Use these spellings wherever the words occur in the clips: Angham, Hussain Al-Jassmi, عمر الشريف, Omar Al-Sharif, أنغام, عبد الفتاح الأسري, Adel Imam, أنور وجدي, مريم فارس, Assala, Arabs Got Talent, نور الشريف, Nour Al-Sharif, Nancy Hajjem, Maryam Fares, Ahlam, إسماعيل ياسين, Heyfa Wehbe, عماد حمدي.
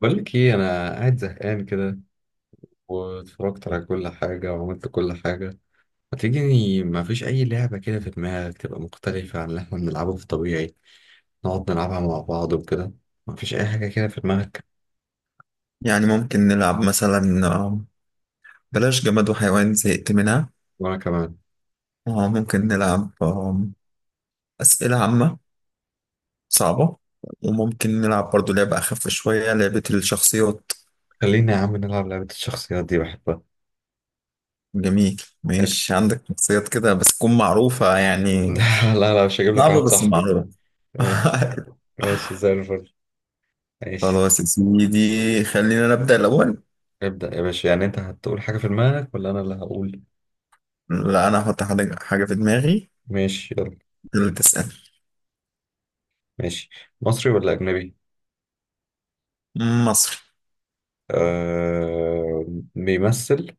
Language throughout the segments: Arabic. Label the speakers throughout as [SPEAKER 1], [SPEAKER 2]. [SPEAKER 1] بقول لك ايه، انا قاعد زهقان كده، واتفرجت على كل حاجه وعملت كل حاجه. ما تيجي، ما فيش اي لعبه كده في دماغك تبقى مختلفه عن اللي احنا بنلعبه في الطبيعي، نقعد نلعبها مع بعض وكده؟ ما فيش اي حاجه كده في دماغك؟
[SPEAKER 2] يعني ممكن نلعب مثلا بلاش جماد وحيوان زهقت منها.
[SPEAKER 1] وانا كمان.
[SPEAKER 2] ممكن نلعب أسئلة عامة صعبة. وممكن نلعب برضو لعبة أخف شوية، لعبة الشخصيات.
[SPEAKER 1] خلينا يا عم نلعب لعبه الشخصيات دي، بحبها.
[SPEAKER 2] جميل،
[SPEAKER 1] تحب-
[SPEAKER 2] ماشي، عندك شخصيات كده بس تكون معروفة يعني.
[SPEAKER 1] لا لا لا، مش هجيب لك واحد
[SPEAKER 2] صعبة بس
[SPEAKER 1] صاحبي.
[SPEAKER 2] معروفة.
[SPEAKER 1] ماشي. ماشي زي الفل. ماشي.
[SPEAKER 2] خلاص يا سيدي، خلينا نبدأ الأول.
[SPEAKER 1] ابدأ يا باشا، يعني انت هتقول حاجه في دماغك ولا انا اللي هقول؟
[SPEAKER 2] لا، أنا هحط حاجة في دماغي
[SPEAKER 1] ماشي يلا.
[SPEAKER 2] اللي تسأل.
[SPEAKER 1] ماشي. مصري ولا اجنبي؟
[SPEAKER 2] مصري.
[SPEAKER 1] آه. بيمثل.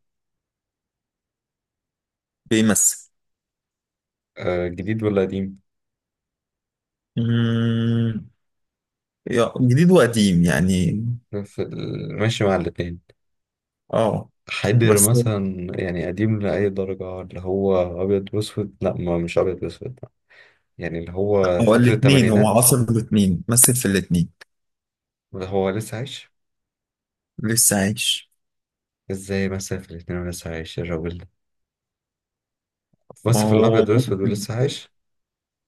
[SPEAKER 2] بيمثل.
[SPEAKER 1] آه، جديد ولا قديم؟
[SPEAKER 2] مم، جديد وقديم يعني.
[SPEAKER 1] ماشي مع الاتنين.
[SPEAKER 2] اه.
[SPEAKER 1] حيدر
[SPEAKER 2] بس هو
[SPEAKER 1] مثلا، يعني قديم لأي درجة؟ اللي هو أبيض وأسود؟ لا، ما مش أبيض وأسود، يعني اللي هو
[SPEAKER 2] هو
[SPEAKER 1] فترة
[SPEAKER 2] الاثنين، هو
[SPEAKER 1] التمانينات،
[SPEAKER 2] عاصر الاثنين، مثل في الاثنين.
[SPEAKER 1] اللي هو لسه عايش.
[SPEAKER 2] لسه عايش.
[SPEAKER 1] ازاي مثلا في الاتنين ولسه عايش الراجل ده،
[SPEAKER 2] ما
[SPEAKER 1] بس في الأبيض
[SPEAKER 2] هو
[SPEAKER 1] وأسود
[SPEAKER 2] ممكن،
[SPEAKER 1] ولسه عايش؟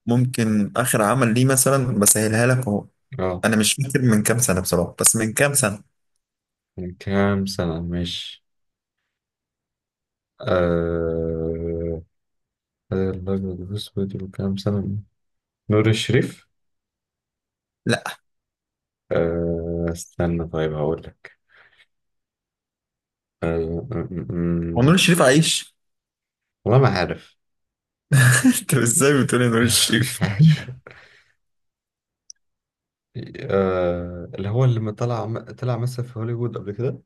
[SPEAKER 2] اخر عمل ليه مثلا بسهلها لك اهو.
[SPEAKER 1] اه.
[SPEAKER 2] انا مش فاكر من كام سنه بصراحه، بس من كام سنه.
[SPEAKER 1] من كام سنة مش... آه، الأبيض وأسود وكام سنة. نور الشريف؟
[SPEAKER 2] لا.
[SPEAKER 1] آه استنى، طيب هقول لك. أه،
[SPEAKER 2] هو نور
[SPEAKER 1] أمم،
[SPEAKER 2] الشريف عايش؟
[SPEAKER 1] والله ما عارف.
[SPEAKER 2] انت ازاي بتقولي نور
[SPEAKER 1] مش
[SPEAKER 2] الشريف؟
[SPEAKER 1] عارف. أه، اللي هو اللي ما طلع، طلع مثل في هوليوود قبل كده.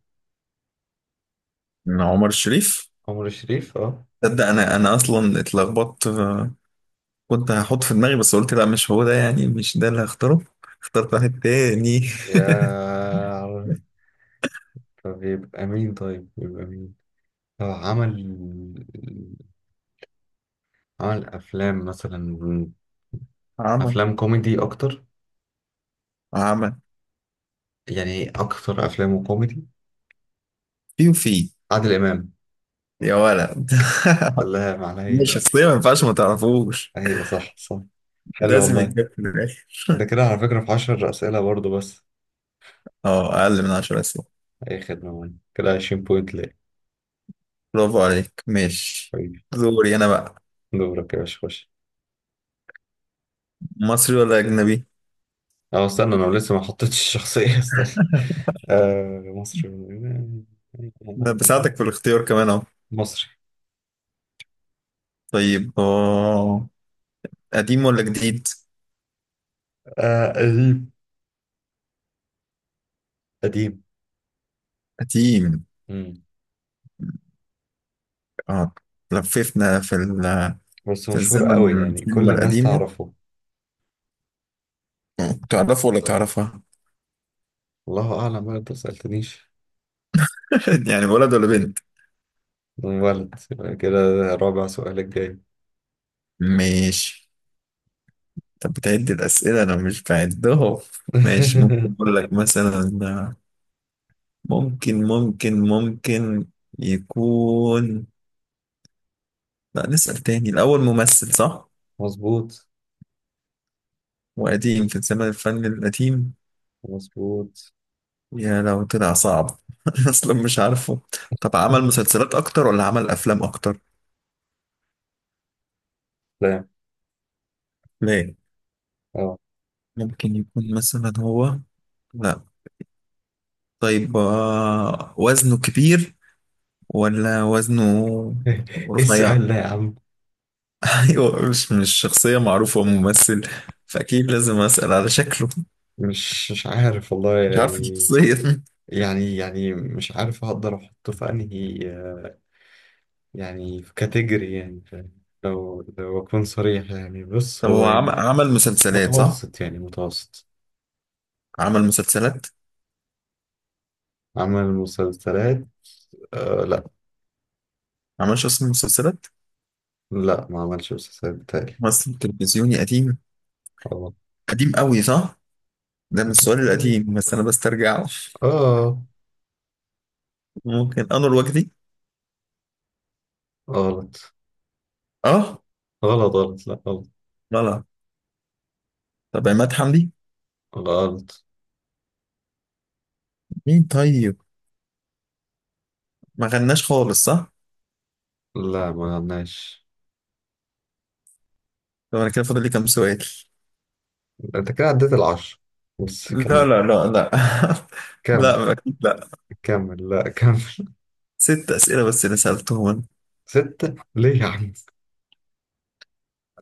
[SPEAKER 2] من عمر الشريف.
[SPEAKER 1] عمر الشريف. اه.
[SPEAKER 2] تصدق، انا اصلا اتلخبطت. كنت هحط في دماغي بس قلت لا، مش هو ده، يعني مش ده اللي هختاره. اخترت واحد تاني.
[SPEAKER 1] يا عارف. طب يبقى مين؟ طيب يبقى مين؟ هو عمل أفلام مثلا.
[SPEAKER 2] عمل
[SPEAKER 1] أفلام كوميدي أكتر،
[SPEAKER 2] عمل
[SPEAKER 1] يعني أكتر أفلامه كوميدي.
[SPEAKER 2] في وفي.
[SPEAKER 1] عادل إمام.
[SPEAKER 2] يا ولد.
[SPEAKER 1] الله، معناها
[SPEAKER 2] مش
[SPEAKER 1] هي.
[SPEAKER 2] شخصية، ما ينفعش ما تعرفوش،
[SPEAKER 1] هي صح، صح. حلو
[SPEAKER 2] لازم
[SPEAKER 1] والله.
[SPEAKER 2] يتجاب في الآخر.
[SPEAKER 1] ده كده على فكرة في عشر أسئلة برضه بس.
[SPEAKER 2] اه، أقل من 10 أسئلة.
[SPEAKER 1] أي خدمة والله. كده 20 بوينت ليه.
[SPEAKER 2] برافو عليك، ماشي. دوري أنا بقى.
[SPEAKER 1] دورك يا باشا، خش.
[SPEAKER 2] مصري ولا أجنبي؟
[SPEAKER 1] اه استنى، انا لسه ما حطيتش الشخصية استنى. آه مصري.
[SPEAKER 2] أنا بساعدك في الاختيار كمان أهو.
[SPEAKER 1] مصري.
[SPEAKER 2] طيب، اه، قديم ولا جديد؟
[SPEAKER 1] آه قديم. قديم.
[SPEAKER 2] قديم،
[SPEAKER 1] مم.
[SPEAKER 2] اه، لففنا في ال...
[SPEAKER 1] بس
[SPEAKER 2] في
[SPEAKER 1] مشهور
[SPEAKER 2] الزمن،
[SPEAKER 1] قوي، يعني كل
[SPEAKER 2] الكلمة
[SPEAKER 1] الناس
[SPEAKER 2] القديمة.
[SPEAKER 1] تعرفه.
[SPEAKER 2] تعرفه ولا تعرفها؟
[SPEAKER 1] الله اعلم بقى، انت ما سألتنيش.
[SPEAKER 2] يعني ولد ولا بنت؟
[SPEAKER 1] ولد يبقى كده. رابع سؤال الجاي.
[SPEAKER 2] ماشي. طب بتعد الأسئلة؟ أنا مش بعدهم. ماشي، ممكن أقول لك مثلا ممكن يكون... لا، نسأل تاني. الأول ممثل صح،
[SPEAKER 1] مظبوط.
[SPEAKER 2] وقديم في زمن الفن القديم.
[SPEAKER 1] مظبوط.
[SPEAKER 2] يا لو طلع صعب. أصلا مش عارفه. طب عمل مسلسلات أكتر ولا عمل أفلام أكتر؟
[SPEAKER 1] لا.
[SPEAKER 2] لا.
[SPEAKER 1] اه.
[SPEAKER 2] ممكن يكون مثلا هو... لا. طيب وزنه كبير ولا وزنه
[SPEAKER 1] ايه
[SPEAKER 2] رفيع؟
[SPEAKER 1] السؤال ده يا عم.
[SPEAKER 2] أيوه. مش شخصية معروفة، ممثل، فأكيد لازم أسأل على شكله.
[SPEAKER 1] مش عارف والله،
[SPEAKER 2] مش عارف
[SPEAKER 1] يعني.
[SPEAKER 2] الشخصية.
[SPEAKER 1] يعني مش عارف هقدر احطه في انهي، يعني في كاتيجوري، يعني فاهم. لو أكون صريح، يعني بص
[SPEAKER 2] طب
[SPEAKER 1] هو
[SPEAKER 2] هو
[SPEAKER 1] يعني
[SPEAKER 2] عمل مسلسلات صح؟
[SPEAKER 1] متوسط، يعني متوسط.
[SPEAKER 2] عمل مسلسلات؟
[SPEAKER 1] عمل مسلسلات. آه لا.
[SPEAKER 2] عملش اصلا مسلسلات؟
[SPEAKER 1] لا، ما عملش مسلسلات بتاعي.
[SPEAKER 2] ممثل تلفزيوني قديم.
[SPEAKER 1] غلط.
[SPEAKER 2] قديم قوي صح؟ ده من السؤال القديم بس انا بسترجعه.
[SPEAKER 1] آه
[SPEAKER 2] ممكن انور وجدي؟
[SPEAKER 1] غلط،
[SPEAKER 2] اه،
[SPEAKER 1] غلط، غلط. لا غلط.
[SPEAKER 2] غلط. طب عماد حمدي؟
[SPEAKER 1] غلط.
[SPEAKER 2] مين طيب؟ ما غناش خالص صح؟
[SPEAKER 1] لا، ما عملناش.
[SPEAKER 2] طب انا كده فاضل لي كام سؤال؟
[SPEAKER 1] أنت كده عديت العشرة. بس
[SPEAKER 2] لا،
[SPEAKER 1] كمل.
[SPEAKER 2] لا، لا، لا.
[SPEAKER 1] كمل.
[SPEAKER 2] لا، اكيد لا.
[SPEAKER 1] كمل، لا كمل.
[SPEAKER 2] ست اسئله بس اللي سالتهم انا.
[SPEAKER 1] ستة ليه يا عم.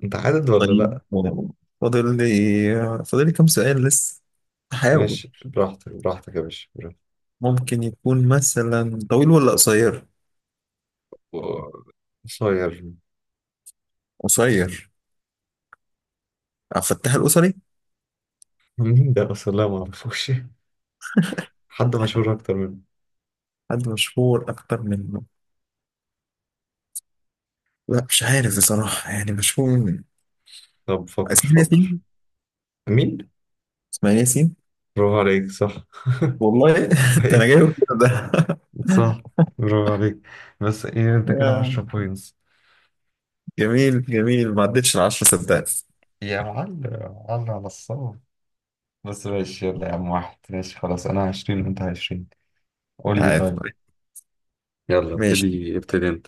[SPEAKER 1] أنت عدد ولا
[SPEAKER 2] طيب،
[SPEAKER 1] لا؟
[SPEAKER 2] فاضل لي فاضل لي كام سؤال لسه. احاول.
[SPEAKER 1] ماشي، براحتك، براحتك يا باشا، براحتك.
[SPEAKER 2] ممكن يكون مثلا طويل ولا قصير؟
[SPEAKER 1] و- قصير.
[SPEAKER 2] قصير. عبد الفتاح الأسري؟
[SPEAKER 1] مين ده اصلا؟ لا ما اعرفوش. حد مشهور اكتر منه.
[SPEAKER 2] حد مشهور أكتر منه؟ لا، مش عارف بصراحة، يعني مشهور من...
[SPEAKER 1] طب فكر،
[SPEAKER 2] إسماعيل
[SPEAKER 1] فكر.
[SPEAKER 2] ياسين.
[SPEAKER 1] مين.
[SPEAKER 2] إسماعيل ياسين.
[SPEAKER 1] برافو عليك، صح.
[SPEAKER 2] والله. ده أنا
[SPEAKER 1] ايه.
[SPEAKER 2] جايبه كده ده.
[SPEAKER 1] صح. برافو عليك. بس ايه انت كده
[SPEAKER 2] يا.
[SPEAKER 1] 10 بوينتس.
[SPEAKER 2] جميل جميل، ما عدتش 10 صدقني.
[SPEAKER 1] يا معلم. معلم على الصواب. بس ماشي يلا يا عم، واحد ماشي، خلاص انا 20 وانت 20. قول لي
[SPEAKER 2] عادي.
[SPEAKER 1] طيب. يلا
[SPEAKER 2] ماشي.
[SPEAKER 1] ابتدي، ابتدي انت.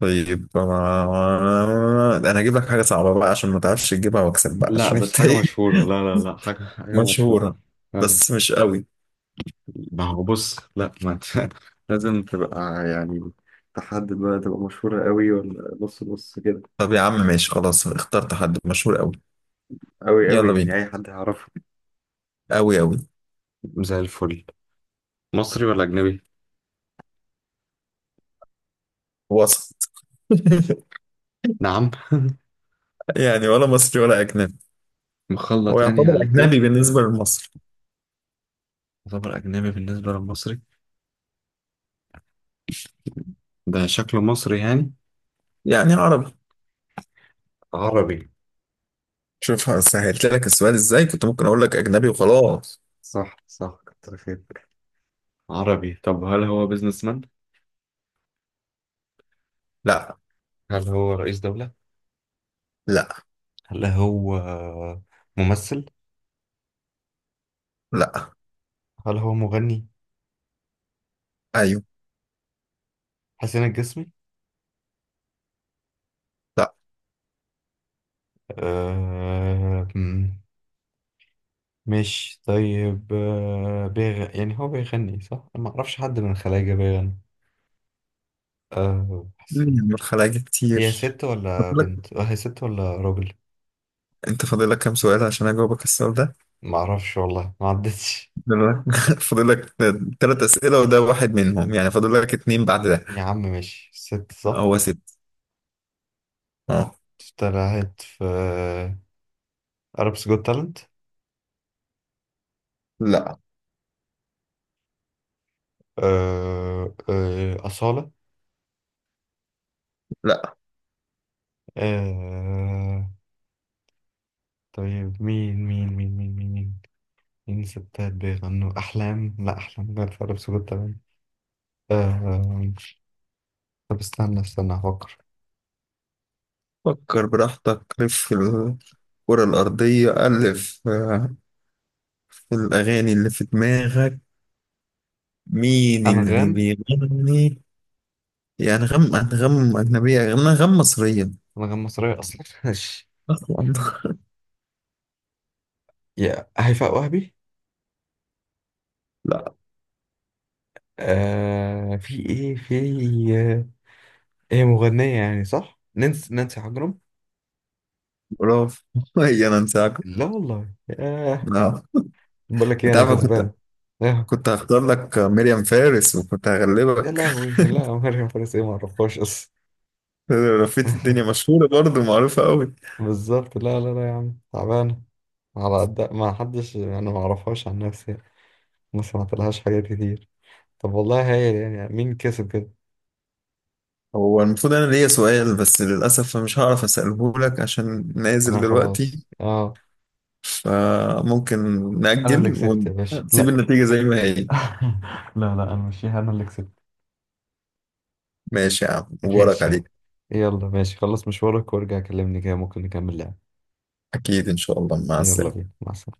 [SPEAKER 2] طيب، ده أنا هجيب لك حاجة صعبة بقى عشان ما تعرفش تجيبها وأكسب بقى
[SPEAKER 1] لا
[SPEAKER 2] عشان
[SPEAKER 1] بس
[SPEAKER 2] أنت
[SPEAKER 1] حاجة
[SPEAKER 2] إيه.
[SPEAKER 1] مشهورة، لا لا لا، حاجة مشهورة.
[SPEAKER 2] مشهورة
[SPEAKER 1] آه،
[SPEAKER 2] بس مش قوي.
[SPEAKER 1] ما هو بص، لا ما انت لازم تبقى، يعني تحدد بقى، تبقى مشهورة قوي ولا نص نص كده.
[SPEAKER 2] طب يا عم ماشي خلاص اخترت حد مشهور قوي.
[SPEAKER 1] أوي أوي،
[SPEAKER 2] يلا
[SPEAKER 1] يعني
[SPEAKER 2] بينا.
[SPEAKER 1] أي حد هيعرفه.
[SPEAKER 2] قوي قوي.
[SPEAKER 1] زي الفل. مصري ولا أجنبي؟
[SPEAKER 2] وسط.
[SPEAKER 1] نعم.
[SPEAKER 2] يعني ولا مصري ولا أجنبي. هو
[SPEAKER 1] مخلط، يعني على
[SPEAKER 2] يعتبر أجنبي
[SPEAKER 1] الاتنين.
[SPEAKER 2] بالنسبة لمصر،
[SPEAKER 1] يعتبر أجنبي بالنسبة للمصري. ده شكله مصري يعني.
[SPEAKER 2] يعني عربي.
[SPEAKER 1] عربي.
[SPEAKER 2] شوف سهلت لك السؤال إزاي. كنت ممكن أقول لك أجنبي وخلاص.
[SPEAKER 1] صح، صح. كتر خيرك. عربي. طب هل هو بيزنس مان؟
[SPEAKER 2] لا.
[SPEAKER 1] هل هو رئيس دولة؟
[SPEAKER 2] لا.
[SPEAKER 1] هل هو ممثل؟
[SPEAKER 2] لا.
[SPEAKER 1] هل هو مغني؟
[SPEAKER 2] أيوه.
[SPEAKER 1] حسين الجسمي؟
[SPEAKER 2] لا.
[SPEAKER 1] آه... مم، مش طيب. بيغ... يعني هو بيغني صح؟ أنا ما أعرفش حد من الخلايجة بيغني. حسين.
[SPEAKER 2] من الخلايا
[SPEAKER 1] هي
[SPEAKER 2] كتير.
[SPEAKER 1] ست ولا
[SPEAKER 2] فاضل لك-
[SPEAKER 1] بنت؟ هي ست ولا راجل؟
[SPEAKER 2] أنت فاضل لك كام سؤال عشان أجاوبك السؤال ده.
[SPEAKER 1] ما اعرفش والله، ما عدتش.
[SPEAKER 2] فاضل لك تلات أسئلة، وده واحد منهم، يعني فاضل لك اتنين بعد ده.
[SPEAKER 1] يا عم ماشي. ست، صح.
[SPEAKER 2] هو ست. أه.
[SPEAKER 1] طلعت في Arabs Got Talent؟
[SPEAKER 2] لا.
[SPEAKER 1] أصالة؟
[SPEAKER 2] لا.
[SPEAKER 1] آه، طيب مين؟ مين مين مين مين مين مين ستات بيغنوا؟ أحلام؟ لا أحلام غير في Arabs Got Talent. آه، آه، طب استنى، استنى أفكر.
[SPEAKER 2] فكر براحتك، لف في الكرة الأرضية 1000، في الأغاني اللي في دماغك، مين اللي
[SPEAKER 1] أنغام.
[SPEAKER 2] بيغني؟ يا أنغام، أنغام أجنبية يا أنغام مصرية؟
[SPEAKER 1] أنغام مصرية أصلا ماشي.
[SPEAKER 2] أصلا.
[SPEAKER 1] يا هيفاء وهبي.
[SPEAKER 2] لا.
[SPEAKER 1] في ايه؟ في... هي مغنية يعني صح؟ نانسي حجرم؟
[SPEAKER 2] برافو. هي أنا أنساك؟
[SPEAKER 1] لا والله، ياه.
[SPEAKER 2] لا.
[SPEAKER 1] بقول لك ايه،
[SPEAKER 2] أنت
[SPEAKER 1] انا
[SPEAKER 2] عارف،
[SPEAKER 1] كسبان. ياه.
[SPEAKER 2] كنت هختار لك مريم فارس وكنت
[SPEAKER 1] يا
[SPEAKER 2] هغلبك.
[SPEAKER 1] لهوي، لا مريم فارس ايه، ما اعرفهاش اصلا.
[SPEAKER 2] لفيت الدنيا، مشهورة برضه معروفة قوي.
[SPEAKER 1] بالظبط، لا لا لا يا عم، تعبانة. على قد ما حدش، انا ما اعرفهاش عن نفسي يعني. ما سمعت لهاش حاجات كتير. طب والله هايل، يعني مين كسب كده؟
[SPEAKER 2] هو المفروض أنا ليا سؤال بس للأسف مش هعرف أسأله لك عشان نازل
[SPEAKER 1] انا
[SPEAKER 2] دلوقتي.
[SPEAKER 1] خلاص، اه.
[SPEAKER 2] فممكن
[SPEAKER 1] انا اللي
[SPEAKER 2] نأجل
[SPEAKER 1] كسبت يا باشا.
[SPEAKER 2] ونسيب
[SPEAKER 1] لا.
[SPEAKER 2] النتيجة زي ما هي.
[SPEAKER 1] لا لا، انا مش انا اللي كسبت.
[SPEAKER 2] ماشي يا عم، مبارك
[SPEAKER 1] ماشي يا عم.
[SPEAKER 2] عليك.
[SPEAKER 1] يلا ماشي، خلص مشوارك وارجع كلمني كده ممكن نكمل لعب.
[SPEAKER 2] أكيد إن شاء الله، مع
[SPEAKER 1] يلا
[SPEAKER 2] السلامة.
[SPEAKER 1] بينا، مع السلامة.